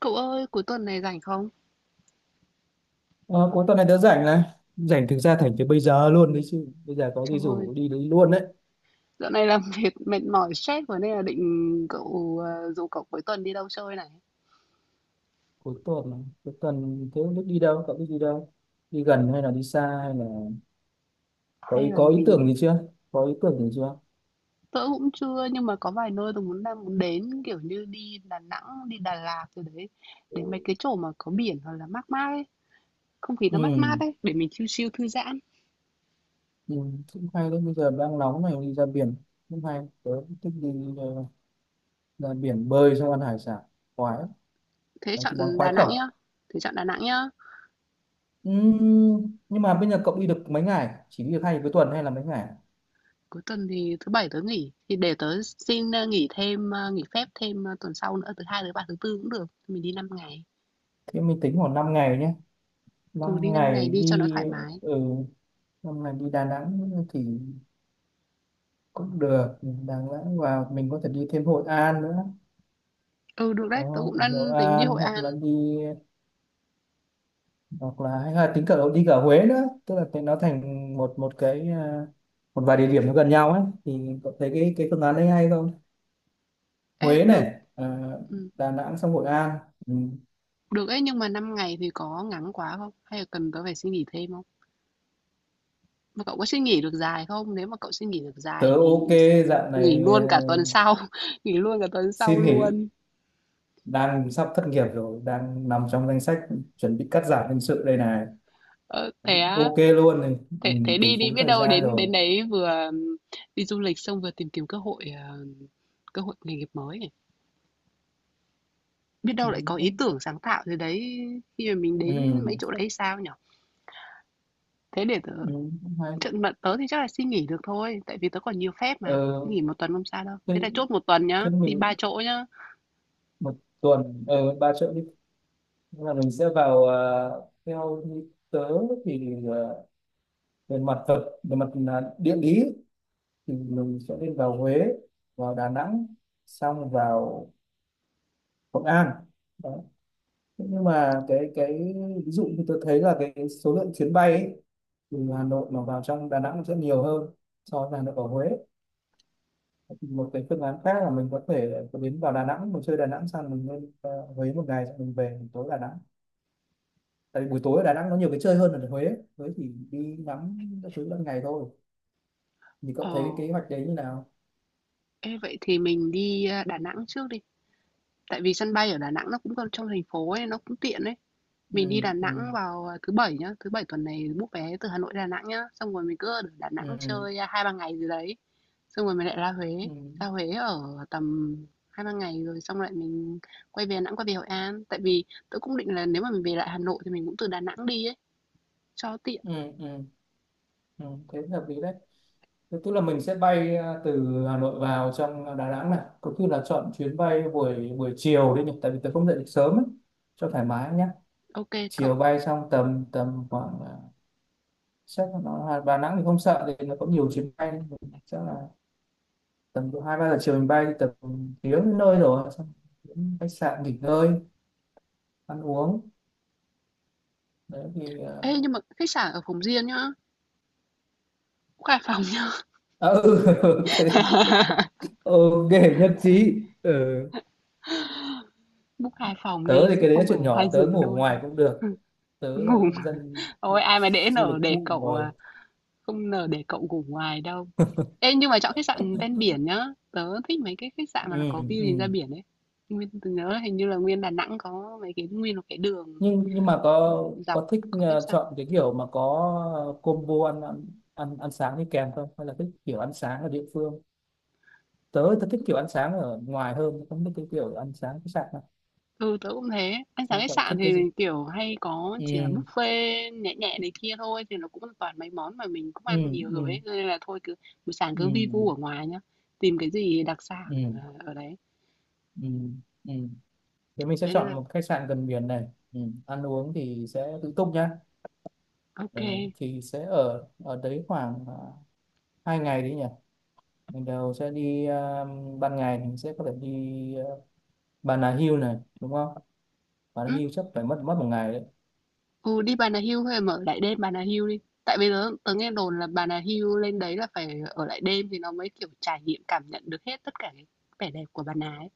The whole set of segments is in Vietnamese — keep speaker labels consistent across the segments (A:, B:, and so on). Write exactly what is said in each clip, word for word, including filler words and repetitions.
A: Cậu ơi, cuối tuần này rảnh không?
B: Ờ, có tuần này tớ rảnh này, rảnh thực ra thành từ bây giờ luôn đấy chứ. Bây giờ có gì
A: Trời ơi,
B: rủ đi đấy luôn đấy.
A: dạo này làm việc mệt mỏi stress rồi nên là định cậu ờ, rủ cậu cuối tuần đi đâu chơi này.
B: Cuối tuần này, cuối tuần thế không biết đi đâu? Cậu biết đi đâu? Đi gần hay là đi xa hay là có ý,
A: Hay là
B: có ý
A: mình
B: tưởng gì chưa? Có ý tưởng gì chưa?
A: Tớ cũng chưa nhưng mà có vài nơi tôi muốn đang muốn đến kiểu như đi Đà Nẵng, đi Đà Lạt rồi đấy. Đến mấy cái chỗ mà có biển hoặc là mát mát ấy, không khí nó mát mát
B: Ừ,
A: ấy để mình chill chill thư giãn.
B: ừ, cũng hay đấy. Bây giờ đang nóng này, đi ra biển cũng hay. Tớ cũng thích đi ờ, ra biển bơi xong ăn hải sản khoái lắm.
A: Thế
B: Đấy, cái món
A: chọn
B: khoái
A: Đà Nẵng
B: khẩu.
A: nhá. Thế chọn Đà Nẵng nhá.
B: Ừ, nhưng mà bây giờ cậu đi được mấy ngày? Chỉ đi được hai cuối tuần hay là mấy ngày?
A: Cuối tuần thì thứ bảy tớ nghỉ thì để tớ xin ờ, nghỉ thêm ờ, nghỉ phép thêm ờ, tuần sau nữa thứ hai thứ ba thứ tư cũng được. Mình đi năm ngày.
B: Thế mình tính khoảng năm ngày nhé.
A: Ừ, đi
B: năm
A: năm ngày
B: ngày
A: đi cho nó
B: đi.
A: thoải mái.
B: Ừ, năm ngày đi Đà Nẵng thì cũng được. Đà Nẵng và mình có thể đi thêm Hội An nữa.
A: Ừ, được đấy, tớ
B: Đó,
A: cũng đang
B: Hội
A: tính đi
B: An
A: Hội An.
B: hoặc là đi, hoặc là hay là tính cả đi cả Huế nữa. Tức là thì nó thành một một cái à, một vài địa điểm nó gần nhau ấy. Thì cậu thấy cái cái phương án đấy hay không?
A: Ê,
B: Huế
A: được,
B: này à?
A: ừ,
B: Đà Nẵng xong Hội An. Ừ.
A: được ấy, nhưng mà năm ngày thì có ngắn quá không? Hay là cần tớ phải suy nghĩ thêm không? Mà cậu có suy nghĩ được dài không? Nếu mà cậu suy nghĩ được
B: Tớ
A: dài thì
B: ok. Dạo
A: nghỉ
B: này
A: luôn
B: à,
A: cả tuần sau, nghỉ luôn cả tuần sau
B: xin nghỉ.
A: luôn.
B: Đang sắp thất nghiệp rồi, đang nằm trong danh sách chuẩn bị cắt giảm nhân sự đây này.
A: Ờ, thế á,
B: Ok luôn này. Ừ,
A: thế, thế
B: tỷ
A: đi đi,
B: phú
A: biết
B: thời
A: đâu
B: gian
A: đến
B: rồi.
A: đến đấy vừa ừ, đi du lịch xong vừa tìm kiếm cơ hội ờ, cơ hội nghề nghiệp mới ấy. Biết
B: Ừ,
A: đâu lại có ý
B: cũng-
A: tưởng sáng tạo gì đấy khi mà mình đến mấy
B: ừ,
A: chỗ đấy sao nhở. Thế để tớ
B: ừ, cũng hay.
A: Trận mà tớ thì chắc là xin nghỉ được thôi, tại vì tớ còn nhiều phép mà,
B: ờ,
A: xin nghỉ một tuần không sao đâu.
B: thế,
A: Thế là chốt một tuần nhá,
B: thế
A: đi
B: mình
A: ba chỗ nhá.
B: một tuần, ờ, ba triệu đi. Nhưng mà mình sẽ vào, ờ, theo như tớ thì, ờ, về mặt vật, về mặt là địa lý thì mình sẽ lên vào Huế, vào Đà Nẵng, xong vào Hội An đó. Thế nhưng mà cái cái ví dụ như tôi thấy là cái số lượng chuyến bay ấy, từ Hà Nội mà vào trong Đà Nẵng sẽ nhiều hơn so với Hà Nội ở Huế. Một cái phương án khác là mình có thể có đến vào Đà Nẵng, mình chơi Đà Nẵng xong mình lên ờ, Huế một ngày, xong mình về buổi tối Đà Nẵng. Tại vì buổi tối ở Đà Nẵng nó nhiều cái chơi hơn là ở Huế. Huế thì đi ngắm các thứ ban ngày thôi. Thì cậu
A: Ờ,
B: thấy cái kế hoạch đấy như nào?
A: ê vậy thì mình đi ờ, Đà Nẵng trước đi, tại vì sân bay ở Đà Nẵng nó cũng còn trong thành phố ấy, nó cũng tiện ấy. Mình đi
B: Ừ,
A: Đà
B: ừ,
A: Nẵng vào ờ, thứ bảy nhá, thứ bảy tuần này book vé từ Hà Nội Đà Nẵng nhá, xong rồi mình cứ ở Đà Nẵng
B: ừ,
A: chơi ờ, hai ba ngày gì đấy, xong rồi mình lại ra Huế,
B: ừ,
A: ra Huế ở tầm hai ba ngày rồi xong lại mình quay về Đà Nẵng quay về Hội An, tại vì tớ cũng định là nếu mà mình về lại Hà Nội thì mình cũng từ Đà Nẵng đi ấy. Cho tiện,
B: ừ, ừ, ừ, thế là hợp lý đấy. Thế tức là mình sẽ bay ờ, từ Hà Nội vào trong Đà Nẵng này, có khi là chọn chuyến bay buổi buổi chiều đi nhỉ, tại vì tớ không dậy được sớm ấy, cho thoải mái nhá.
A: ok
B: Chiều
A: cậu.
B: bay xong tầm, tầm khoảng ờ, chắc là nó là Đà Nẵng thì không sợ, thì nó có nhiều chuyến bay. Chắc là tầm độ hai ba giờ chiều mình bay thì tầm tiếng đến nơi rồi. Xong đến khách sạn nghỉ ngơi, ăn uống đấy thì ờ.
A: Ê, nhưng mà khách sạn ở phòng riêng nhá, book hai phòng nhá.
B: À, ừ, ok. Ok, nhất trí. Ừ.
A: Book hai phòng
B: Tớ
A: đi
B: thì
A: chứ
B: cái đấy là
A: không phải
B: chuyện
A: hai
B: nhỏ, tớ
A: giường
B: ngủ
A: đôi.
B: ngoài cũng được. Tớ
A: Ngủ.
B: là dân
A: Ôi
B: mình đi
A: ai mà để
B: du
A: nở
B: lịch
A: để
B: bụi
A: cậu
B: rồi.
A: à, không nở để cậu ngủ ngoài đâu. Ê nhưng mà chọn khách sạn ven biển nhá. Tớ thích mấy cái khách sạn mà
B: Ừ,
A: nó có view nhìn ra
B: ừ.
A: biển ấy. Nguyên tớ nhớ là hình như là Nguyên Đà Nẵng có mấy cái Nguyên có cái đường
B: nhưng nhưng mà có
A: dọc
B: có thích
A: có khách
B: ờ,
A: sạn.
B: chọn cái kiểu mà có ờ, combo ăn ăn ăn, ăn sáng đi kèm không, hay là thích kiểu ăn sáng ở địa phương? Tớ tớ thích kiểu ăn sáng ở ngoài hơn, không thích cái kiểu ăn sáng khách sạn đâu.
A: Ừ, tớ cũng thế. Ăn sáng
B: Sao
A: khách
B: cậu
A: sạn
B: thích
A: thì
B: cái gì?
A: kiểu hay có chỉ là
B: Ừ,
A: buffet nhẹ nhẹ này kia thôi thì nó cũng toàn mấy món mà mình cũng
B: ừ,
A: ăn nhiều
B: ừ,
A: rồi ấy. Cho nên là thôi cứ buổi sáng
B: ừ,
A: cứ vi vu ở ngoài nhá. Tìm cái gì đặc sản
B: ừ,
A: ờ, ở đấy.
B: ừ, ừ, thì mình sẽ
A: Thế nên là
B: chọn một khách sạn gần biển này. Ừ. Ăn uống thì sẽ tự túc nhá.
A: ok.
B: Ờ, thì sẽ ở ở đấy khoảng à, hai ngày đấy nhỉ. Mình đầu sẽ đi, à, ban ngày thì mình sẽ có thể đi, à, Bà Nà Hills này đúng không? Bà
A: Ừ,
B: Nà Hills chắc phải mất mất một ngày đấy.
A: ừ đi Bà Nà Hills hay mở lại đêm Bà Nà Hills đi. Tại bây giờ tớ nghe đồn là Bà Nà Hills lên đấy là phải ở lại đêm thì nó mới kiểu trải nghiệm cảm nhận được hết tất cả cái vẻ đẹp của Bà Nà ấy.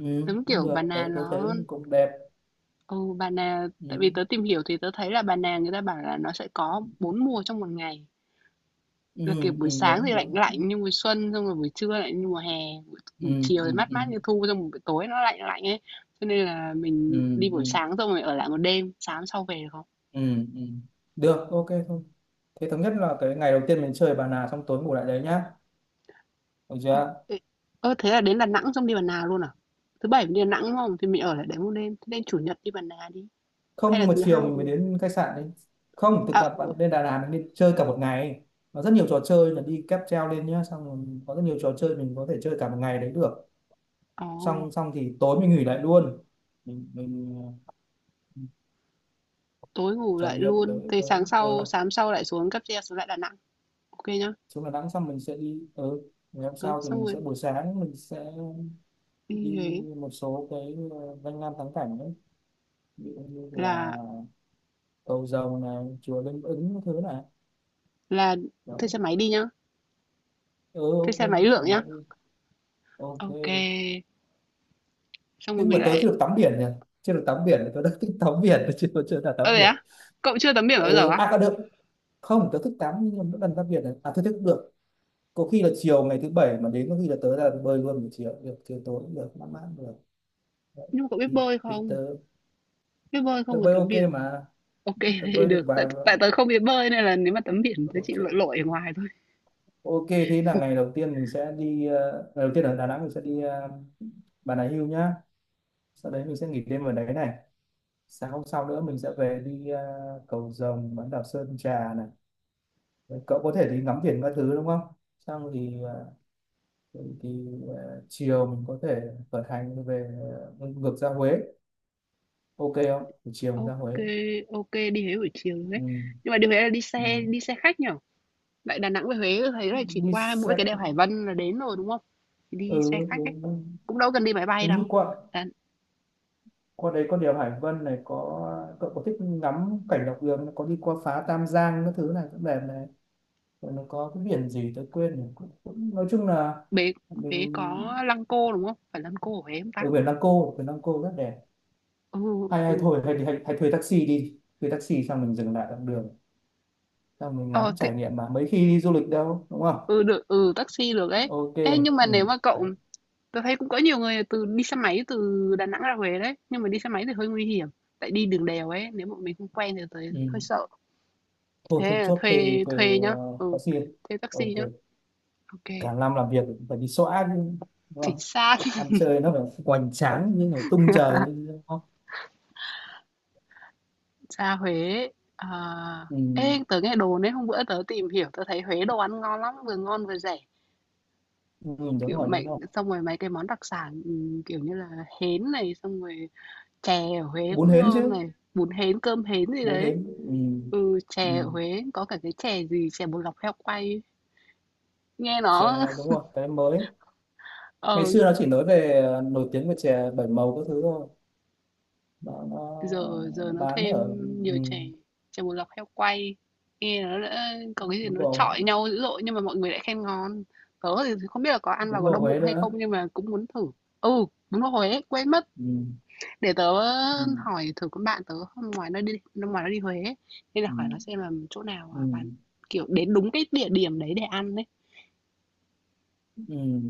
B: Ừ,
A: Giống
B: cũng
A: kiểu
B: được.
A: Bà
B: tớ,
A: Nà
B: tớ
A: nó.
B: thấy cũng đẹp.
A: Ồ, bà nà
B: Ừ,
A: tại vì tớ tìm hiểu thì tớ thấy là bà nà người ta bảo là nó sẽ có bốn mùa trong một ngày.
B: ừ,
A: Là kiểu buổi
B: ừ,
A: sáng thì
B: đúng
A: lạnh
B: đúng.
A: lạnh như mùa xuân, xong rồi buổi trưa lại như mùa hè, buổi,
B: Ừ,
A: buổi chiều thì
B: ừ,
A: mát
B: ừ,
A: mát như thu, xong rồi buổi tối nó lạnh lạnh ấy. Cho nên là
B: ừ,
A: mình đi
B: ừ,
A: buổi sáng xong rồi ở lại một đêm, sáng sau về được không?
B: ừ, ừ. Được, ok thôi. Thế thống nhất là cái ngày đầu tiên mình chơi Bà Nà, xong tối ngủ lại đấy nhá. Được
A: Ơ,
B: chưa?
A: ê, ơ thế là đến Đà Nẵng xong đi Bà Nà luôn à? Thứ bảy mình đi Đà Nẵng đúng không? Thì mình ở lại đấy một đêm, thế nên chủ nhật đi Bà Nà đi.
B: Không,
A: Hay là
B: nhưng mà
A: thứ
B: chiều
A: hai
B: mình
A: thì...
B: mới đến khách sạn đi. Không, thực
A: À,
B: tập bạn
A: ờ,
B: lên Đà Lạt mình đi chơi cả một ngày. Nó rất nhiều trò chơi, là đi cáp treo lên nhá. Xong rồi có rất nhiều trò chơi, mình có thể chơi cả một ngày đấy được.
A: ồ,
B: Xong xong thì tối mình nghỉ lại luôn. Mình, mình ờ,
A: tối ngủ
B: trải
A: lại
B: nghiệm
A: luôn,
B: tới
A: thì
B: tới
A: sáng sau,
B: ờ,
A: sáng sau lại xuống cáp treo xuống lại Đà Nẵng. Ok nhá.
B: xuống Đà Nẵng xong mình sẽ đi. Ừ. Ngày hôm
A: Ừ,
B: sau thì
A: xong
B: mình sẽ
A: rồi
B: buổi sáng mình sẽ
A: đi
B: đi
A: Huế
B: một số cái ờ, danh lam thắng cảnh, ví dụ như là
A: là
B: cầu dầu này, chùa Linh Ứng, cái thứ này
A: là
B: đó.
A: thuê xe máy đi nhá,
B: Ừ,
A: thuê
B: ok.
A: xe máy lượn
B: Sao
A: nhá.
B: mà đi. Ok.
A: Ok, xong rồi
B: Nhưng mà
A: mình
B: tớ
A: lại.
B: chưa được tắm biển nhỉ. Chưa được tắm biển, tớ đã thích tắm biển, tớ chưa chưa đã tắm
A: Ơ đấy
B: biển.
A: á, cậu chưa tắm biển bao giờ
B: Ừ,
A: á?
B: à có được không. Tớ thích tắm, nhưng mà mỗi lần tắm biển là à, tớ thích được có khi là chiều ngày thứ bảy mà đến, có khi là tớ ra bơi luôn. Buổi chiều được, chiều tối cũng được, mát mát cũng được. Đấy.
A: Nhưng mà cậu biết
B: thì
A: bơi
B: thì tớ
A: không? Biết bơi không
B: tớ
A: mà
B: bơi
A: tắm
B: ok
A: biển?
B: mà.
A: Ok,
B: Tớ
A: thế
B: bơi được
A: được,
B: vài
A: tại tại
B: lần.
A: tớ không biết bơi nên là nếu mà tắm biển tớ chỉ lội
B: Ok.
A: lội ở ngoài thôi.
B: Ok, thế là ngày đầu tiên mình sẽ đi, ờ, ngày đầu tiên ở Đà Nẵng mình sẽ đi ờ, Bà Nà Hills nhá. Sau đấy mình sẽ nghỉ đêm ở đấy này. Sáng hôm sau nữa mình sẽ về đi ờ, Cầu Rồng, bán đảo Sơn Trà này. Rồi cậu có thể đi ngắm biển các thứ đúng không? Xong thì ờ, thì, thì ờ, chiều mình có thể khởi hành về, ờ, ngược ra Huế. Ok không? Thì chiều mình ra
A: Ok,
B: Huế.
A: ok đi Huế buổi chiều đấy.
B: Ừ.
A: Nhưng mà đi Huế là đi
B: Ừ.
A: xe đi xe khách nhở? Lại Đà Nẵng về Huế thấy là chỉ
B: Đi
A: qua mỗi
B: xe.
A: cái đèo Hải Vân là đến rồi đúng không? Thì đi xe
B: Ừ,
A: khách ấy,
B: đúng- đúng.
A: cũng đâu cần đi máy bay
B: Hình như
A: đâu.
B: quận
A: Đà,
B: qua đấy có đèo Hải Vân này. Có cậu có thích ngắm cảnh dọc đường? Có đi qua phá Tam Giang các thứ này, cũng đẹp này. Rồi nó có cái biển gì tôi quên rồi, cũng, cũng, nói chung là
A: Huế Huế có
B: mình
A: Lăng Cô, đúng không? Phải Lăng Cô ở Huế không ta?
B: ở biển Lăng Cô, biển Lăng Cô rất đẹp.
A: Ừ,
B: Hay, hay
A: ừ.
B: thôi, hay, hay, hay thuê taxi đi, thuê taxi xong mình dừng lại dọc đường, xong mình ngắm
A: Ờ, thế,
B: trải nghiệm. Mà mấy khi đi du lịch đâu, đúng không?
A: ừ, được, ừ, taxi được ấy.
B: Ok.
A: Ê, nhưng mà
B: Ừ.
A: nếu mà cậu,
B: Đấy.
A: tôi thấy cũng có nhiều người từ đi xe máy từ Đà Nẵng ra Huế đấy. Nhưng mà đi xe máy thì hơi nguy hiểm. Tại đi đường đèo ấy, nếu mà mình không quen thì tới
B: Ừ.
A: hơi sợ.
B: Thôi thôi
A: Thế là
B: chốt thuê,
A: thuê,
B: thuê
A: thuê nhá.
B: ờ,
A: Ừ,
B: taxi.
A: thuê taxi
B: Ok.
A: nhá. Ok,
B: Cả năm làm việc phải đi xóa chứ, đúng không?
A: chính xác.
B: Ăn chơi nó phải hoành tráng nhưng phải tung trời lên, đúng không?
A: Ra Huế. À,
B: Ừ.
A: ê, tớ nghe đồn ấy, hôm bữa tớ tìm hiểu, tớ thấy Huế đồ ăn ngon lắm, vừa ngon vừa rẻ.
B: Ừ, đúng
A: Kiểu,
B: rồi, đúng
A: mấy
B: rồi.
A: xong rồi mấy cái món đặc sản, ừm, kiểu như là, hến này, xong rồi chè ở Huế
B: Bún
A: cũng
B: hến
A: ngon
B: chứ.
A: này, bún hến, cơm hến gì
B: Bún
A: đấy.
B: hến, ừ.
A: Ừ,
B: Ừ.
A: chè ở Huế có cả cái chè gì, chè bột lọc heo quay ấy. Nghe nó
B: Chè đúng rồi, cái mới ngày
A: ờ,
B: xưa nó chỉ nói về ờ, nổi tiếng về chè bảy màu các thứ thôi. Nó, nó
A: giờ giờ
B: nó
A: nó
B: bán
A: thêm
B: ở. Ừ.
A: nhiều chè, chè bột lọc heo quay. Nghe nó đã có cái gì
B: Bún
A: nó
B: bò.
A: chọi nhau dữ dội nhưng mà mọi người lại khen ngon. Tớ thì không biết là có ăn
B: Bún
A: vào có
B: bò
A: đau
B: Huế
A: bụng hay
B: nữa.
A: không nhưng mà cũng muốn thử. Ừ, đúng rồi Huế, quên mất.
B: Ừ.
A: Để tớ
B: Ừ.
A: hỏi thử con bạn tớ hôm ngoài nó đi hôm ngoài nó đi Huế ấy. Nên là
B: Ừ.
A: hỏi nó xem là chỗ nào
B: Ừ.
A: à, bán kiểu đến đúng cái địa điểm đấy để ăn đấy,
B: Ừ.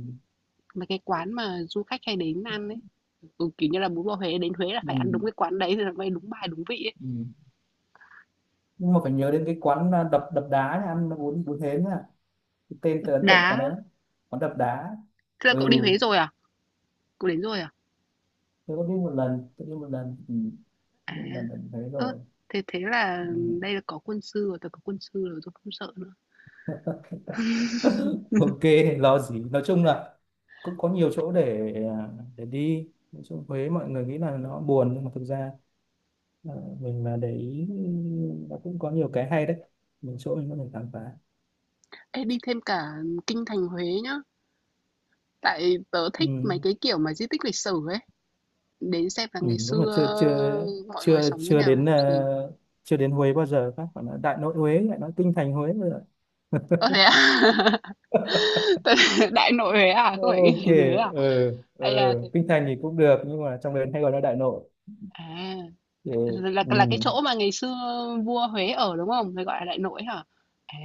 A: mà cái quán mà du khách hay đến ăn đấy, ừ, kiểu như là bún bò Huế đến Huế là phải
B: Ừ.
A: ăn đúng cái quán đấy thì nó mới đúng bài đúng vị ấy.
B: Ừ. Nhưng mà phải nhớ đến cái quán, à, đập đập đá nha, ăn bún bún hến à. Cái tên tớ ấn tượng quán
A: Đá,
B: đấy lắm. Quán đập đá.
A: thế là
B: Ừ.
A: cậu đi Huế rồi à? Cậu đến rồi à?
B: Tôi có đi một lần. Tôi đi một lần. Ừ. Tôi
A: À,
B: biết một lần, lần thấy
A: ơ
B: rồi.
A: thế thế là
B: Ừ.
A: đây là có quân sư rồi, tớ có quân sư rồi, tôi không sợ nữa.
B: Ok, lo gì. Nói chung là cũng có nhiều chỗ để, à, để đi. Nói chung Huế mọi người nghĩ là nó buồn, nhưng mà thực ra, à, mình mà để ý, nó cũng có nhiều cái hay đấy, nhiều chỗ mình có thể khám phá.
A: Ê, đi thêm cả kinh thành Huế nhá, tại tớ thích mấy
B: Ừ.
A: cái kiểu mà di tích lịch sử ấy. Đến xem là
B: Ừ,
A: ngày
B: đúng là
A: xưa
B: chưa chưa
A: mọi người
B: chưa
A: sống thế
B: chưa
A: nào,
B: đến,
A: làm
B: à,
A: gì.
B: chưa đến Huế bao giờ. Các bạn nói Đại Nội Huế lại nói kinh thành Huế.
A: Ơ, thế à? Đại Nội Huế à? Không phải cái
B: Ok.
A: gì Huế à?
B: Ừ, ừ.
A: Ây da, thế
B: Kinh Thành thì cũng được, nhưng mà trong đấy hay gọi là Đại Nội
A: à,
B: thì.
A: là là cái
B: Ừ.
A: chỗ mà ngày xưa vua Huế ở, đúng không? Người gọi là Đại Nội hả? À,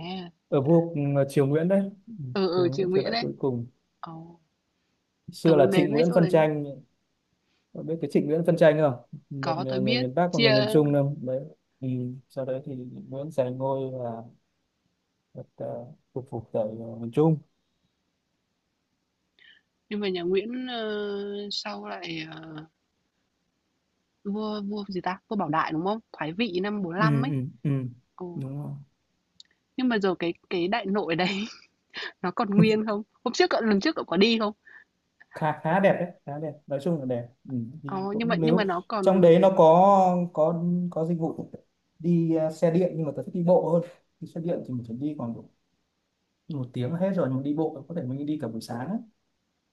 B: Ở vua ờ, Triều Nguyễn đấy. Ừ,
A: ừ, ừ,
B: Triều
A: triều
B: Nguyễn, triều
A: Nguyễn
B: đại
A: đấy.
B: cuối cùng.
A: Ồ, tớ
B: Xưa là
A: muốn đến
B: Trịnh
A: mấy
B: Nguyễn
A: chỗ
B: phân
A: đấy.
B: tranh. Cậu biết cái Trịnh Nguyễn phân tranh không? Một
A: Có, tôi
B: người
A: biết.
B: miền Bắc và người miền
A: Chia
B: Trung đâu đấy. Ừ. Sau đấy thì Nguyễn giành ngôi và, uh, phục phục tại ờ, miền Trung.
A: nhưng mà nhà Nguyễn ờ, sau lại ờ, vua, vua gì ta? Vua Bảo Đại đúng không? Thoái vị năm bốn
B: Ừ,
A: lăm ấy.
B: ừ, ừ.
A: Ồ.
B: Đúng rồi.
A: Nhưng mà giờ cái cái Đại Nội đấy, nó còn nguyên không? Hôm trước cậu, lần trước cậu có đi không?
B: khá khá đẹp đấy, khá đẹp, nói chung là đẹp. Ừ, đi
A: Có, nhưng mà
B: cũng
A: nhưng mà
B: nếu
A: nó
B: trong
A: còn
B: đấy nó có có có dịch vụ đi ờ, xe điện, nhưng mà tôi thích đi bộ hơn. Đi xe điện thì mình phải đi còn độ một tiếng là hết rồi, nhưng mà đi bộ có thể mình đi cả buổi sáng ấy.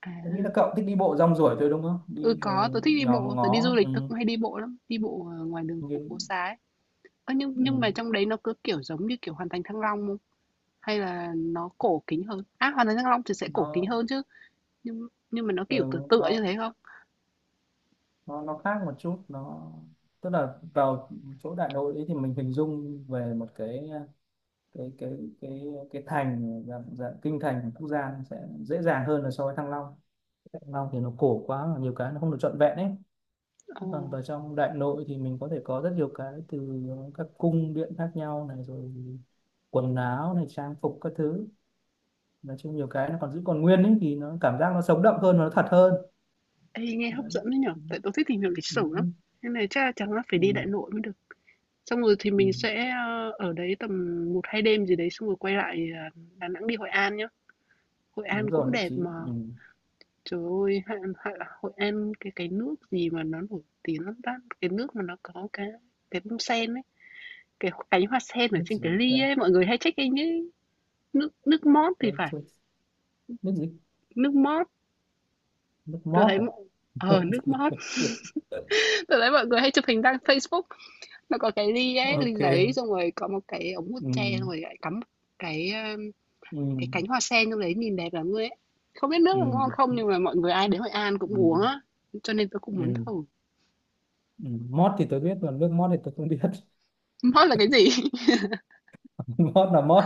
A: à,
B: Tôi nghĩ là cậu thích đi bộ rong ruổi thôi, đúng không
A: ừ,
B: đi rồi.
A: có, tớ thích đi
B: Nhòm
A: bộ, tớ đi du
B: ngó. Ừ.
A: lịch tớ cũng hay đi bộ lắm, đi bộ ở ngoài đường phố phố
B: Nhưng-
A: xá ấy. Ơ, nhưng
B: ừ.
A: nhưng mà trong đấy nó cứ kiểu giống như kiểu Hoàn Thành Thăng Long không? Hay là nó cổ kính hơn? À Hoàn Thành Thăng Long thì sẽ cổ kính
B: Nó
A: hơn chứ. Nhưng nhưng mà nó kiểu
B: ừ,
A: tựa tựa
B: nó
A: như thế không?
B: nó nó khác một chút. Nó tức là vào chỗ Đại Nội ấy thì mình hình dung về một cái cái cái cái cái thành dạng, dạng kinh thành của Quốc Gia sẽ dễ dàng hơn là so với Thăng Long. Thăng Long thì nó cổ quá, nhiều cái nó không được trọn vẹn ấy.
A: Ồ,
B: Còn vào trong Đại Nội thì mình có thể có rất nhiều cái, từ các cung điện khác nhau này, rồi quần áo này, trang phục các thứ. Nói chung nhiều cái nó còn giữ còn nguyên ấy, thì nó cảm giác nó sống động hơn và nó thật hơn.
A: ê, nghe hấp
B: Đấy.
A: dẫn đấy nhở,
B: Ừ.
A: tại tớ thích tìm hiểu lịch
B: Ừ.
A: sử lắm. Nên này chắc là chẳng là phải
B: Ừ.
A: đi Đại Nội mới được. Xong rồi thì
B: Ừ.
A: mình sẽ ờ, ở đấy tầm một hai đêm gì đấy xong rồi quay lại ờ, Đà Nẵng đi Hội An nhá. Hội
B: Đúng
A: An
B: rồi,
A: cũng
B: nước chí,
A: đẹp mà.
B: ừ.
A: Trời ơi, Hạ, Hạ, Hội An cái cái nước gì mà nó nổi tiếng lắm ta? Cái nước mà nó có cái cái bông sen ấy, cái cánh hoa sen ở
B: Nước
A: trên
B: gì
A: cái
B: người ta.
A: ly ấy, mọi người hay check in ấy. Nước nước mót thì
B: Tôi-
A: phải,
B: tôi- nước gì.
A: nước mót.
B: Nước
A: Tôi
B: mót
A: thấy
B: à.
A: mọi ờ nước mót. Tôi thấy mọi người hay chụp hình đăng Facebook. Nó có cái ly ấy, ly
B: Ok.
A: giấy xong rồi có một cái ống hút tre xong
B: Ừm,
A: rồi lại cắm một cái um, cái
B: ừm,
A: cánh hoa sen trong đấy nhìn đẹp lắm luôn ấy. Không biết nước là ngon
B: ừm,
A: không nhưng mà mọi người ai đến Hội An cũng uống
B: ừm,
A: á, cho nên tôi cũng muốn
B: ừm,
A: thử.
B: ừm. Mót thì tôi biết, còn nước mót thì tôi không biết.
A: Hot là cái gì?
B: Mót là mót.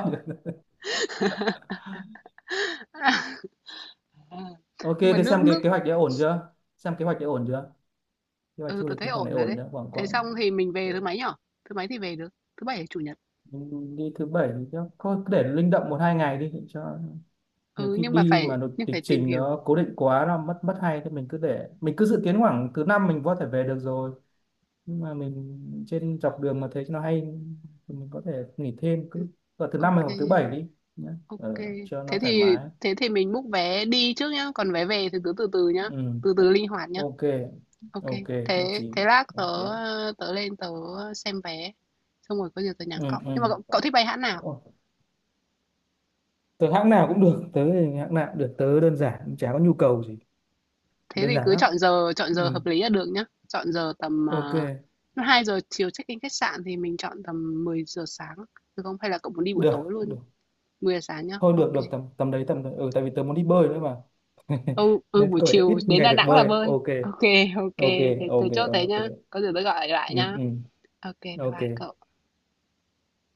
A: À,
B: Ok,
A: nhưng mà
B: thế
A: nước
B: xem cái
A: nước
B: kế hoạch đấy ổn chưa. Xem kế hoạch đấy ổn chưa. Kế hoạch
A: ừ,
B: du
A: tớ
B: lịch
A: thấy
B: nhưng khoảng đấy
A: ổn rồi
B: ổn
A: đấy.
B: chưa, khoảng
A: Thế
B: khoảng.
A: xong thì mình về thứ mấy nhở? Thứ mấy thì về được? Thứ bảy hay chủ nhật?
B: Mình đi thứ bảy thì chắc- thôi cứ để linh động một hai ngày đi để cho, nhiều
A: Ừ,
B: khi
A: nhưng mà
B: đi
A: phải
B: mà lịch
A: nhưng phải
B: lịch
A: tìm
B: trình nó
A: hiểu.
B: cố định quá nó mất mất hay thì mình cứ để, mình cứ dự kiến khoảng thứ năm mình có thể về được rồi, nhưng mà mình trên dọc đường mà thấy nó hay thì mình có thể nghỉ thêm,
A: Ừ,
B: cứ vào thứ năm
A: ok,
B: hoặc thứ bảy đi nhé.
A: ok.
B: Ờ, cho
A: Thế
B: nó thoải
A: thì
B: mái.
A: thế thì mình book vé đi trước nhá, còn vé về thì cứ từ từ nhá,
B: Ừ.
A: từ từ linh hoạt nhá.
B: Ok,
A: Ok.
B: ok, nhất
A: Thế
B: trí.
A: thế lát tớ
B: Ok.
A: tớ lên tớ xem vé, xong rồi có gì tớ nhắn
B: Ừ,
A: cậu. Nhưng mà
B: ừ.
A: cậu, cậu thích bay hãng nào?
B: Ồ, tớ hãng nào cũng được. Tớ thì hãng nào cũng được, tớ đơn giản, chả có nhu cầu gì.
A: Thế
B: Đơn
A: thì
B: giản
A: cứ
B: lắm.
A: chọn giờ chọn
B: Ừ.
A: giờ hợp lý là được nhá. Chọn giờ tầm,
B: Ok.
A: à, lúc hai giờ chiều check-in khách sạn thì mình chọn tầm mười giờ sáng, được không? Hay là cậu muốn đi buổi tối
B: Được,
A: luôn?
B: được
A: Mười giờ sáng nhá.
B: thôi,
A: Ok
B: được,
A: kê.
B: được tầm tầm đấy, tầm đấy. Ừ, tại vì tớ muốn đi bơi nữa mà.
A: Ừ, ừ,
B: Nên
A: buổi
B: cởi
A: chiều
B: ít
A: đến
B: ngày
A: Đà
B: được
A: Nẵng là
B: bơi,
A: bơi.
B: ok.
A: Ok ok ô
B: Ok.
A: kê. Thế
B: Ok,
A: thế chốt thế
B: ok.
A: nhá. Có gì tôi gọi lại
B: Ừ,
A: nhá.
B: ừ.
A: Ok bye
B: Ok.
A: bye cậu.